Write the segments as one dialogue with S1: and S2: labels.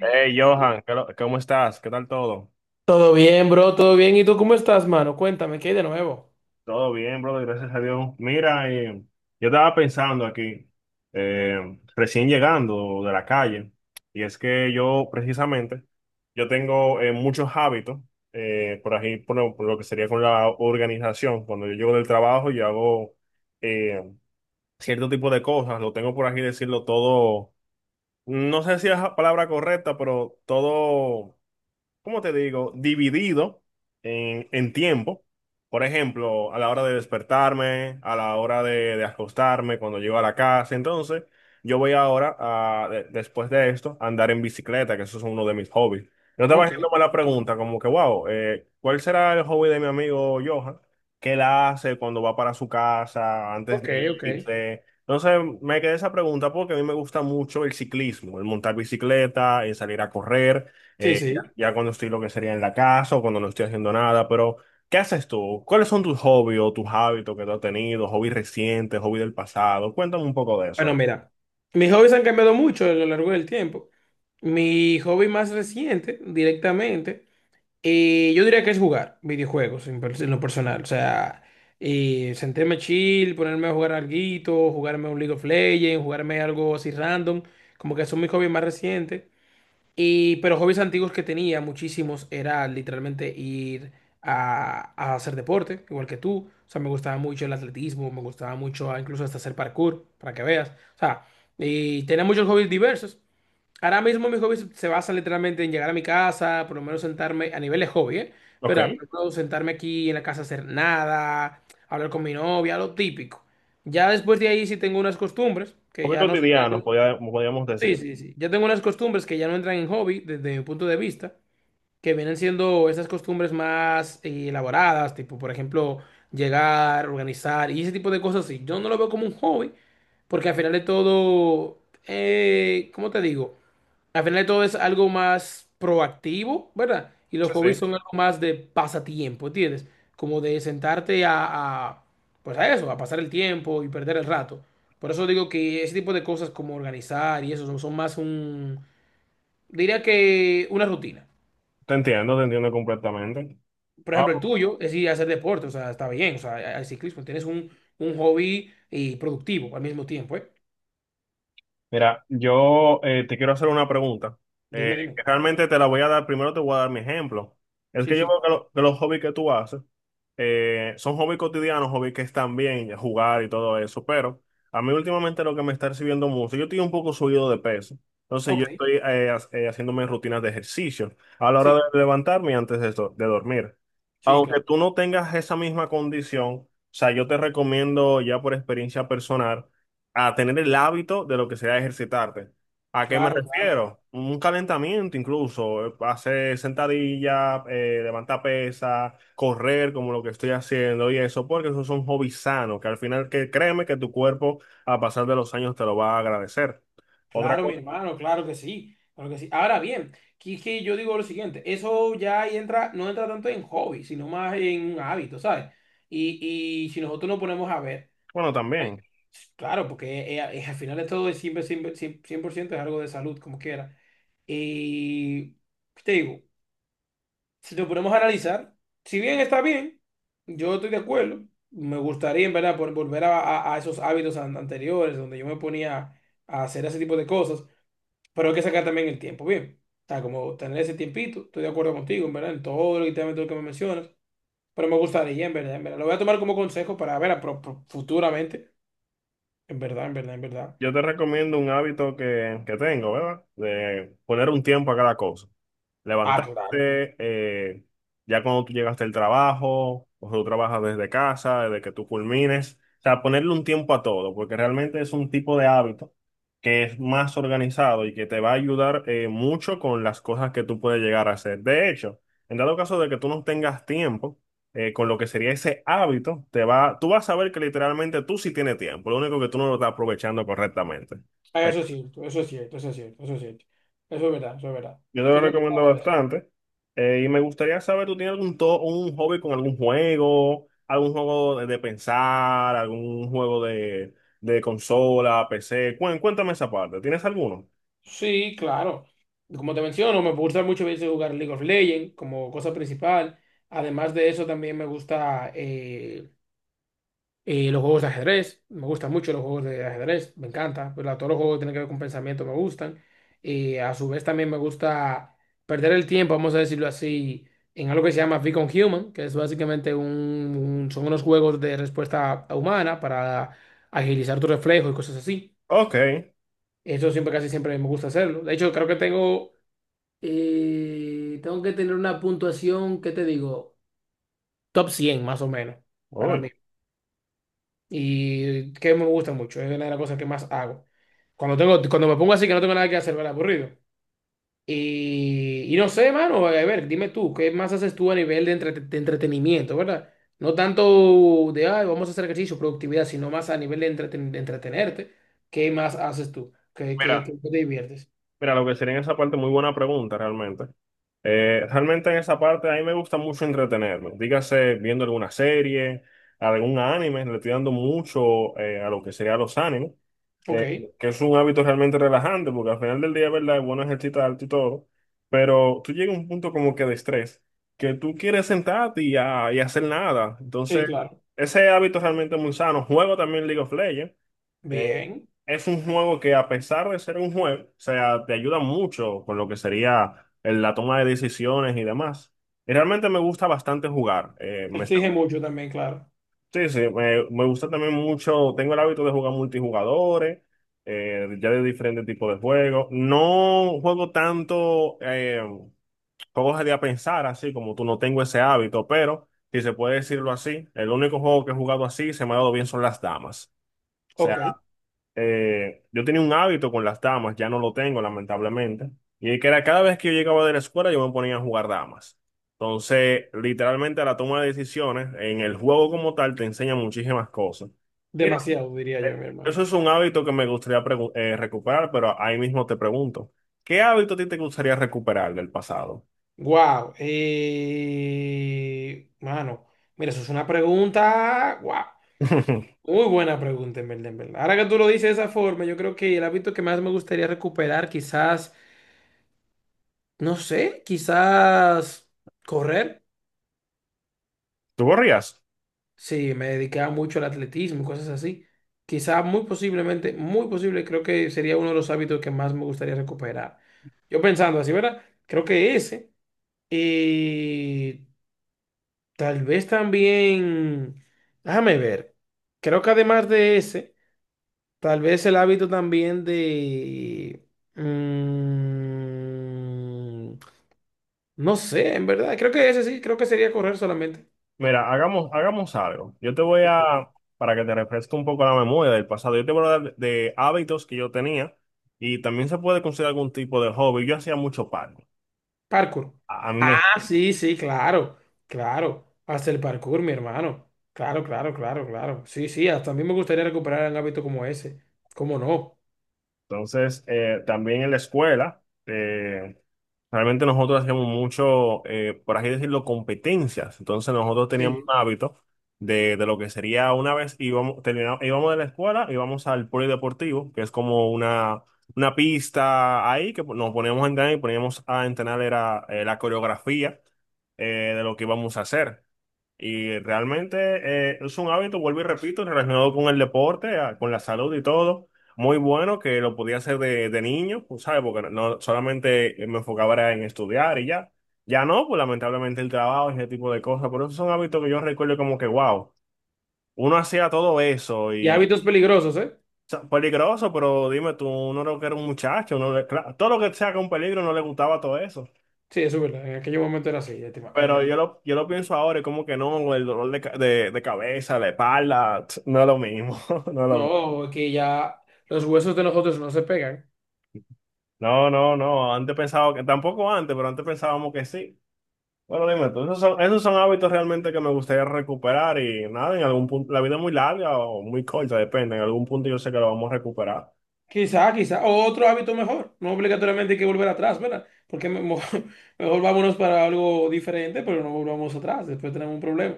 S1: Hey, Johan, ¿cómo estás? ¿Qué tal todo?
S2: Todo bien, bro, todo bien. ¿Y tú cómo estás, mano? Cuéntame, ¿qué hay de nuevo?
S1: Todo bien, brother, gracias a Dios. Mira, yo estaba pensando aquí, recién llegando de la calle, y es que yo precisamente, yo tengo muchos hábitos, por ahí, por lo que sería con la organización. Cuando yo llego del trabajo, yo hago eh, cierto tipo de cosas, lo tengo por aquí decirlo todo, no sé si es la palabra correcta, pero todo ¿cómo te digo? Dividido en tiempo. Por ejemplo, a la hora de despertarme, a la hora de acostarme, cuando llego a la casa. Entonces, yo voy ahora, después de esto, a andar en bicicleta, que eso es uno de mis hobbies. Yo estaba
S2: Ok,
S1: haciéndome la
S2: ok,
S1: pregunta, como que, wow, ¿cuál será el hobby de mi amigo Johan? ¿Qué él hace cuando va para su casa, antes
S2: ok,
S1: de
S2: ok.
S1: irse? Entonces me quedé esa pregunta porque a mí me gusta mucho el ciclismo, el montar bicicleta, el salir a correr.
S2: Sí,
S1: eh,
S2: sí.
S1: ya cuando estoy lo que sería en la casa o cuando no estoy haciendo nada, pero ¿qué haces tú? ¿Cuáles son tus hobbies o tus hábitos que tú has tenido? ¿Hobbies recientes, hobbies del pasado? Cuéntame un poco de
S2: Bueno,
S1: eso.
S2: mira, mis hobbies han cambiado mucho a lo largo del tiempo. Mi hobby más reciente, directamente, yo diría que es jugar videojuegos en lo personal. O sea, sentarme chill, ponerme a jugar alguito, jugarme un League of Legends, jugarme algo así random. Como que son mis hobbies más recientes. Y, pero hobbies antiguos que tenía, muchísimos, era literalmente ir a hacer deporte, igual que tú. O sea, me gustaba mucho el atletismo, me gustaba mucho incluso hasta hacer parkour, para que veas. O sea, y tenía muchos hobbies diversos. Ahora mismo mis hobbies se basan literalmente en llegar a mi casa, por lo menos sentarme, a nivel de hobby, ¿eh?
S1: Ok,
S2: Pero por ejemplo, sentarme aquí en la casa a hacer nada, hablar con mi novia, lo típico. Ya después de ahí sí tengo unas costumbres, que
S1: hobbies
S2: ya no sé, ya
S1: cotidianos,
S2: no-
S1: podríamos
S2: Sí,
S1: decir.
S2: sí, sí. Yo tengo unas costumbres que ya no entran en hobby desde mi punto de vista, que vienen siendo esas costumbres más elaboradas, tipo, por ejemplo, llegar, organizar y ese tipo de cosas así. Yo no lo veo como un hobby, porque al final de todo, ¿cómo te digo? Al final de todo es algo más proactivo, ¿verdad? Y
S1: Sí,
S2: los hobbies
S1: sí,
S2: son algo más de pasatiempo, ¿entiendes? Como de sentarte a, pues a eso, a pasar el tiempo y perder el rato. Por eso digo que ese tipo de cosas como organizar y eso son, son más un, diría que una rutina.
S1: te entiendo completamente.
S2: Por
S1: Ah,
S2: ejemplo, el tuyo es ir a hacer deporte, o sea, está bien, o sea, hay ciclismo, tienes un hobby y productivo al mismo tiempo, ¿eh?
S1: mira, yo te quiero hacer una pregunta.
S2: Dime, dime.
S1: Que realmente te la voy a dar, primero te voy a dar mi ejemplo. Es
S2: Sí,
S1: que yo
S2: sí,
S1: veo que,
S2: claro.
S1: que los hobbies que tú haces son hobbies cotidianos, hobbies que están bien, jugar y todo eso, pero a mí últimamente lo que me está recibiendo mucho, yo estoy un poco subido de peso, entonces yo
S2: Ok,
S1: estoy haciéndome rutinas de ejercicio a la hora de
S2: sí,
S1: levantarme y antes de dormir.
S2: sí,
S1: Aunque
S2: claro.
S1: tú no tengas esa misma condición, o sea, yo te recomiendo ya por experiencia personal a tener el hábito de lo que sea ejercitarte. ¿A qué me
S2: Claro, claro.
S1: refiero? Un calentamiento incluso, hacer sentadilla, levantar pesas, correr como lo que estoy haciendo y eso, porque esos son hobbies sanos, que al final que créeme que tu cuerpo a pasar de los años te lo va a agradecer. Otra
S2: Claro, mi
S1: cosa,
S2: hermano, claro que sí, claro que sí. Ahora bien, que es que yo digo lo siguiente, eso ya ahí entra, no entra tanto en hobby, sino más en un hábito, ¿sabes? Y si nosotros nos ponemos a ver,
S1: bueno,
S2: eh,
S1: también.
S2: claro, porque al final esto es siempre, siempre, 100% es algo de salud, como quiera. Y te digo, si nos ponemos a analizar, si bien está bien, yo estoy de acuerdo, me gustaría en verdad volver a esos hábitos anteriores donde yo me ponía a hacer ese tipo de cosas. Pero hay que sacar también el tiempo, bien. O sea, como tener ese tiempito, estoy de acuerdo contigo, en verdad, en todo todo lo que me mencionas. Pero me gustaría, en verdad, en verdad. Lo voy a tomar como consejo para ver a futuramente. En verdad, en verdad, en verdad.
S1: Yo te recomiendo un hábito que tengo, ¿verdad? De poner un tiempo a cada cosa.
S2: Ah, claro.
S1: Levantarte, ya cuando tú llegaste al trabajo, o tú trabajas desde casa, desde que tú culmines. O sea, ponerle un tiempo a todo, porque realmente es un tipo de hábito que es más organizado y que te va a ayudar mucho con las cosas que tú puedes llegar a hacer. De hecho, en dado caso de que tú no tengas tiempo, con lo que sería ese hábito, tú vas a ver que literalmente tú sí tienes tiempo, lo único que tú no lo estás aprovechando correctamente.
S2: Ah,
S1: Ay,
S2: eso es cierto, eso es cierto, eso es cierto, eso es cierto. Eso es verdad, eso es verdad.
S1: yo te lo
S2: Siempre he
S1: recomiendo
S2: pensado eso.
S1: bastante. Y me gustaría saber, ¿tú tienes un hobby con algún juego de pensar, algún juego de consola, PC? Cuéntame esa parte, ¿tienes alguno?
S2: Sí, claro. Como te menciono, me gusta mucho a veces jugar League of Legends como cosa principal. Además de eso, también me gusta eh, los juegos de ajedrez, me gustan mucho los juegos de ajedrez, me encanta. Pero todos los juegos que tienen que ver con pensamiento me gustan. A su vez también me gusta perder el tiempo, vamos a decirlo así, en algo que se llama Beacon Human, que es básicamente son unos juegos de respuesta humana para agilizar tu reflejo y cosas así.
S1: Ok,
S2: Eso siempre, casi siempre me gusta hacerlo. De hecho, creo que tengo, tengo que tener una puntuación, ¿qué te digo? Top 100 más o menos para mí.
S1: uy,
S2: Y que me gusta mucho, es una de las cosas que más hago. Cuando tengo, cuando me pongo así que no tengo nada que hacer, ¿verdad? Aburrido. Y no sé, mano, a ver, dime tú, ¿qué más haces tú a nivel de, de entretenimiento, ¿verdad? No tanto de, ay, vamos a hacer ejercicio, productividad, sino más a nivel de, de entretenerte. ¿Qué más haces tú? ¿Qué, qué, qué
S1: mira,
S2: te diviertes?
S1: mira, lo que sería en esa parte, muy buena pregunta realmente. Realmente en esa parte a mí me gusta mucho entretenerme. Dígase viendo alguna serie, algún anime, le estoy dando mucho a lo que sería los animes,
S2: Ok,
S1: eh, que es un hábito realmente relajante, porque al final del día, ¿verdad? Es bueno ejercitar alto y todo, pero tú llegas a un punto como que de estrés, que tú quieres sentarte y hacer nada.
S2: sí,
S1: Entonces,
S2: claro.
S1: ese hábito realmente es muy sano. Juego también League of Legends. eh,
S2: Bien.
S1: es un juego que a pesar de ser un juego, o sea, te ayuda mucho con lo que sería la toma de decisiones y demás. Y realmente me gusta bastante jugar.
S2: Exige mucho también, claro.
S1: Sí, sí, me gusta también mucho, tengo el hábito de jugar multijugadores, ya de diferentes tipos de juegos. No juego tanto juegos de a pensar, así como tú, no tengo ese hábito, pero si se puede decirlo así, el único juego que he jugado así y se me ha dado bien son las damas.
S2: Ok,
S1: Yo tenía un hábito con las damas, ya no lo tengo, lamentablemente. Y que era cada vez que yo llegaba de la escuela, yo me ponía a jugar damas. Entonces, literalmente a la toma de decisiones, en el juego como tal, te enseña muchísimas cosas. Y no,
S2: demasiado, diría yo, mi
S1: eso
S2: hermano.
S1: es un hábito que me gustaría recuperar, pero ahí mismo te pregunto, ¿qué hábito a ti te gustaría recuperar del pasado?
S2: Wow, mano, mira, eso es una pregunta, wow, muy buena pregunta en verdad, en verdad. Ahora que tú lo dices de esa forma, yo creo que el hábito que más me gustaría recuperar, quizás, no sé, quizás correr.
S1: ¿Tú corrías?
S2: Sí, me dedicaba mucho al atletismo y cosas así. Quizás muy posiblemente, muy posible, creo que sería uno de los hábitos que más me gustaría recuperar. Yo pensando así, ¿verdad? Creo que ese. Y tal vez también, déjame ver, creo que además de ese, tal vez el hábito también de... mm, no sé, en verdad, creo que ese sí, creo que sería correr solamente.
S1: Mira, hagamos, hagamos algo. Yo te voy a, para que te refresque un poco la memoria del pasado, yo te voy a hablar de hábitos que yo tenía y también se puede considerar algún tipo de hobby. Yo hacía mucho paddle.
S2: Parkour.
S1: A mí me,
S2: Ah, sí, sí, claro, claro. Hasta el parkour, mi hermano. Claro, claro, claro, claro. Sí, sí, hasta a mí me gustaría recuperar un hábito como ese. ¿Cómo no?
S1: entonces, también en la escuela, realmente nosotros hacíamos mucho, por así decirlo, competencias. Entonces, nosotros teníamos un
S2: Sí.
S1: hábito de lo que sería una vez íbamos, terminamos, íbamos de la escuela, íbamos al polideportivo, que es como una pista ahí que nos poníamos a entrenar y poníamos a entrenar era, la coreografía de lo que íbamos a hacer. Y realmente es un hábito, vuelvo y repito, relacionado con el deporte, con la salud y todo muy bueno que lo podía hacer de niño, pues, ¿sabes? Porque no no, solamente me enfocaba era en estudiar y ya. Ya no, pues lamentablemente el trabajo y ese tipo de cosas. Pero esos son hábitos que yo recuerdo como que, wow, uno hacía todo eso
S2: Y
S1: y
S2: hábitos peligrosos, ¿eh?
S1: o sea, peligroso, pero dime tú, uno era que era un muchacho, claro, todo lo que sea con peligro no le gustaba todo eso.
S2: Sí, eso es verdad. En aquel momento era así, ya en
S1: Pero
S2: verdad.
S1: yo lo pienso ahora y como que no, el dolor de cabeza, la espalda, no es lo mismo, no es lo mismo.
S2: No, es que ya los huesos de nosotros no se pegan.
S1: No, no, no, antes pensaba que, tampoco antes, pero antes pensábamos que sí. Bueno, dime tú, esos son hábitos realmente que me gustaría recuperar y nada, en algún punto, la vida es muy larga o muy corta, depende, en algún punto yo sé que lo vamos a recuperar.
S2: Quizá, quizá. O otro hábito mejor. No obligatoriamente hay que volver atrás, ¿verdad? Porque mejor vámonos para algo diferente, pero no volvamos atrás. Después tenemos un problema.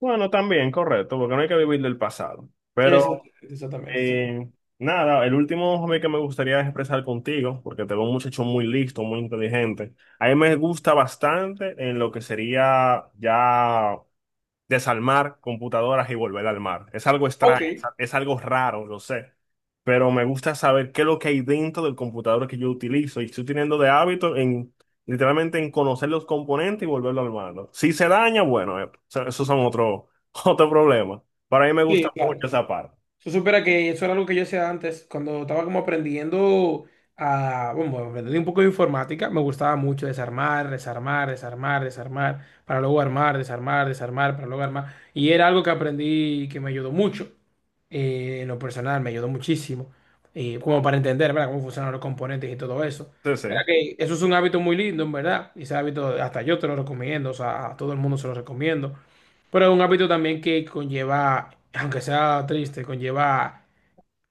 S1: Bueno, también, correcto, porque no hay que vivir del pasado. Pero
S2: Exactamente, exactamente, exactamente.
S1: eh, nada, el último hobby que me gustaría expresar contigo, porque te veo un muchacho muy listo, muy inteligente. A mí me gusta bastante en lo que sería ya desarmar computadoras y volver a armar. Es algo
S2: Ok,
S1: extraño, es algo raro, lo sé, pero me gusta saber qué es lo que hay dentro del computador que yo utilizo y estoy teniendo de hábito en literalmente en conocer los componentes y volverlo a armarlo. Si se daña, bueno, esos son otro, otro problema. Para mí me gusta
S2: sí,
S1: mucho
S2: claro.
S1: esa parte.
S2: Tú supieras que eso era algo que yo hacía antes, cuando estaba como aprendiendo a, bueno, aprendí un poco de informática, me gustaba mucho desarmar, desarmar, desarmar, desarmar, para luego armar, desarmar, desarmar, para luego armar. Y era algo que aprendí que me ayudó mucho, en lo personal, me ayudó muchísimo, y como para entender, ¿verdad?, cómo funcionan los componentes y todo eso.
S1: Sí, sí.
S2: Mira que eso es un hábito muy lindo, en verdad, y ese hábito hasta yo te lo recomiendo, o sea, a todo el mundo se lo recomiendo. Pero es un hábito también que conlleva, aunque sea triste, conlleva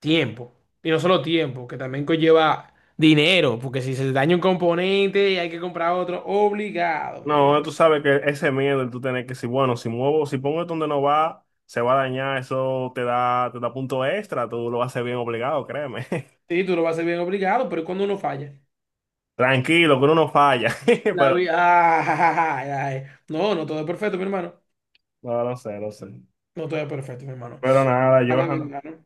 S2: tiempo. Y no solo tiempo, que también conlleva dinero, porque si se daña un componente hay que comprar otro, obligado, mi hermano.
S1: No, tú sabes que ese miedo de tú tener que decir, bueno, si muevo, si pongo esto donde no va, se va a dañar, te da punto extra, tú lo haces bien obligado, créeme.
S2: Sí, tú lo vas a hacer bien obligado, pero ¿y cuando uno falla,
S1: Tranquilo, que uno no falla,
S2: la
S1: pero
S2: vida... No, no todo es perfecto, mi hermano.
S1: no, no sé, no sé.
S2: No todo es perfecto, mi hermano.
S1: Pero nada,
S2: Nada, mi
S1: Johan,
S2: hermano.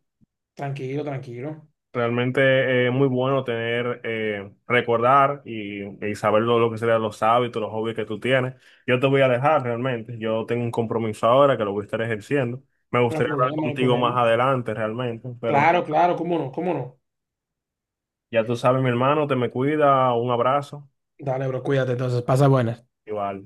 S2: Tranquilo, tranquilo.
S1: realmente es muy bueno tener, recordar y saber lo que serían los hábitos, los hobbies que tú tienes. Yo te voy a dejar realmente, yo tengo un compromiso ahora que lo voy a estar ejerciendo. Me
S2: No hay
S1: gustaría hablar
S2: problema, no hay
S1: contigo más
S2: problema.
S1: adelante realmente, pero nada,
S2: Claro, claro, cómo no, cómo no.
S1: ya tú sabes, mi hermano, te me cuida, un abrazo,
S2: Dale, bro, cuídate entonces, pasa buenas.
S1: igual.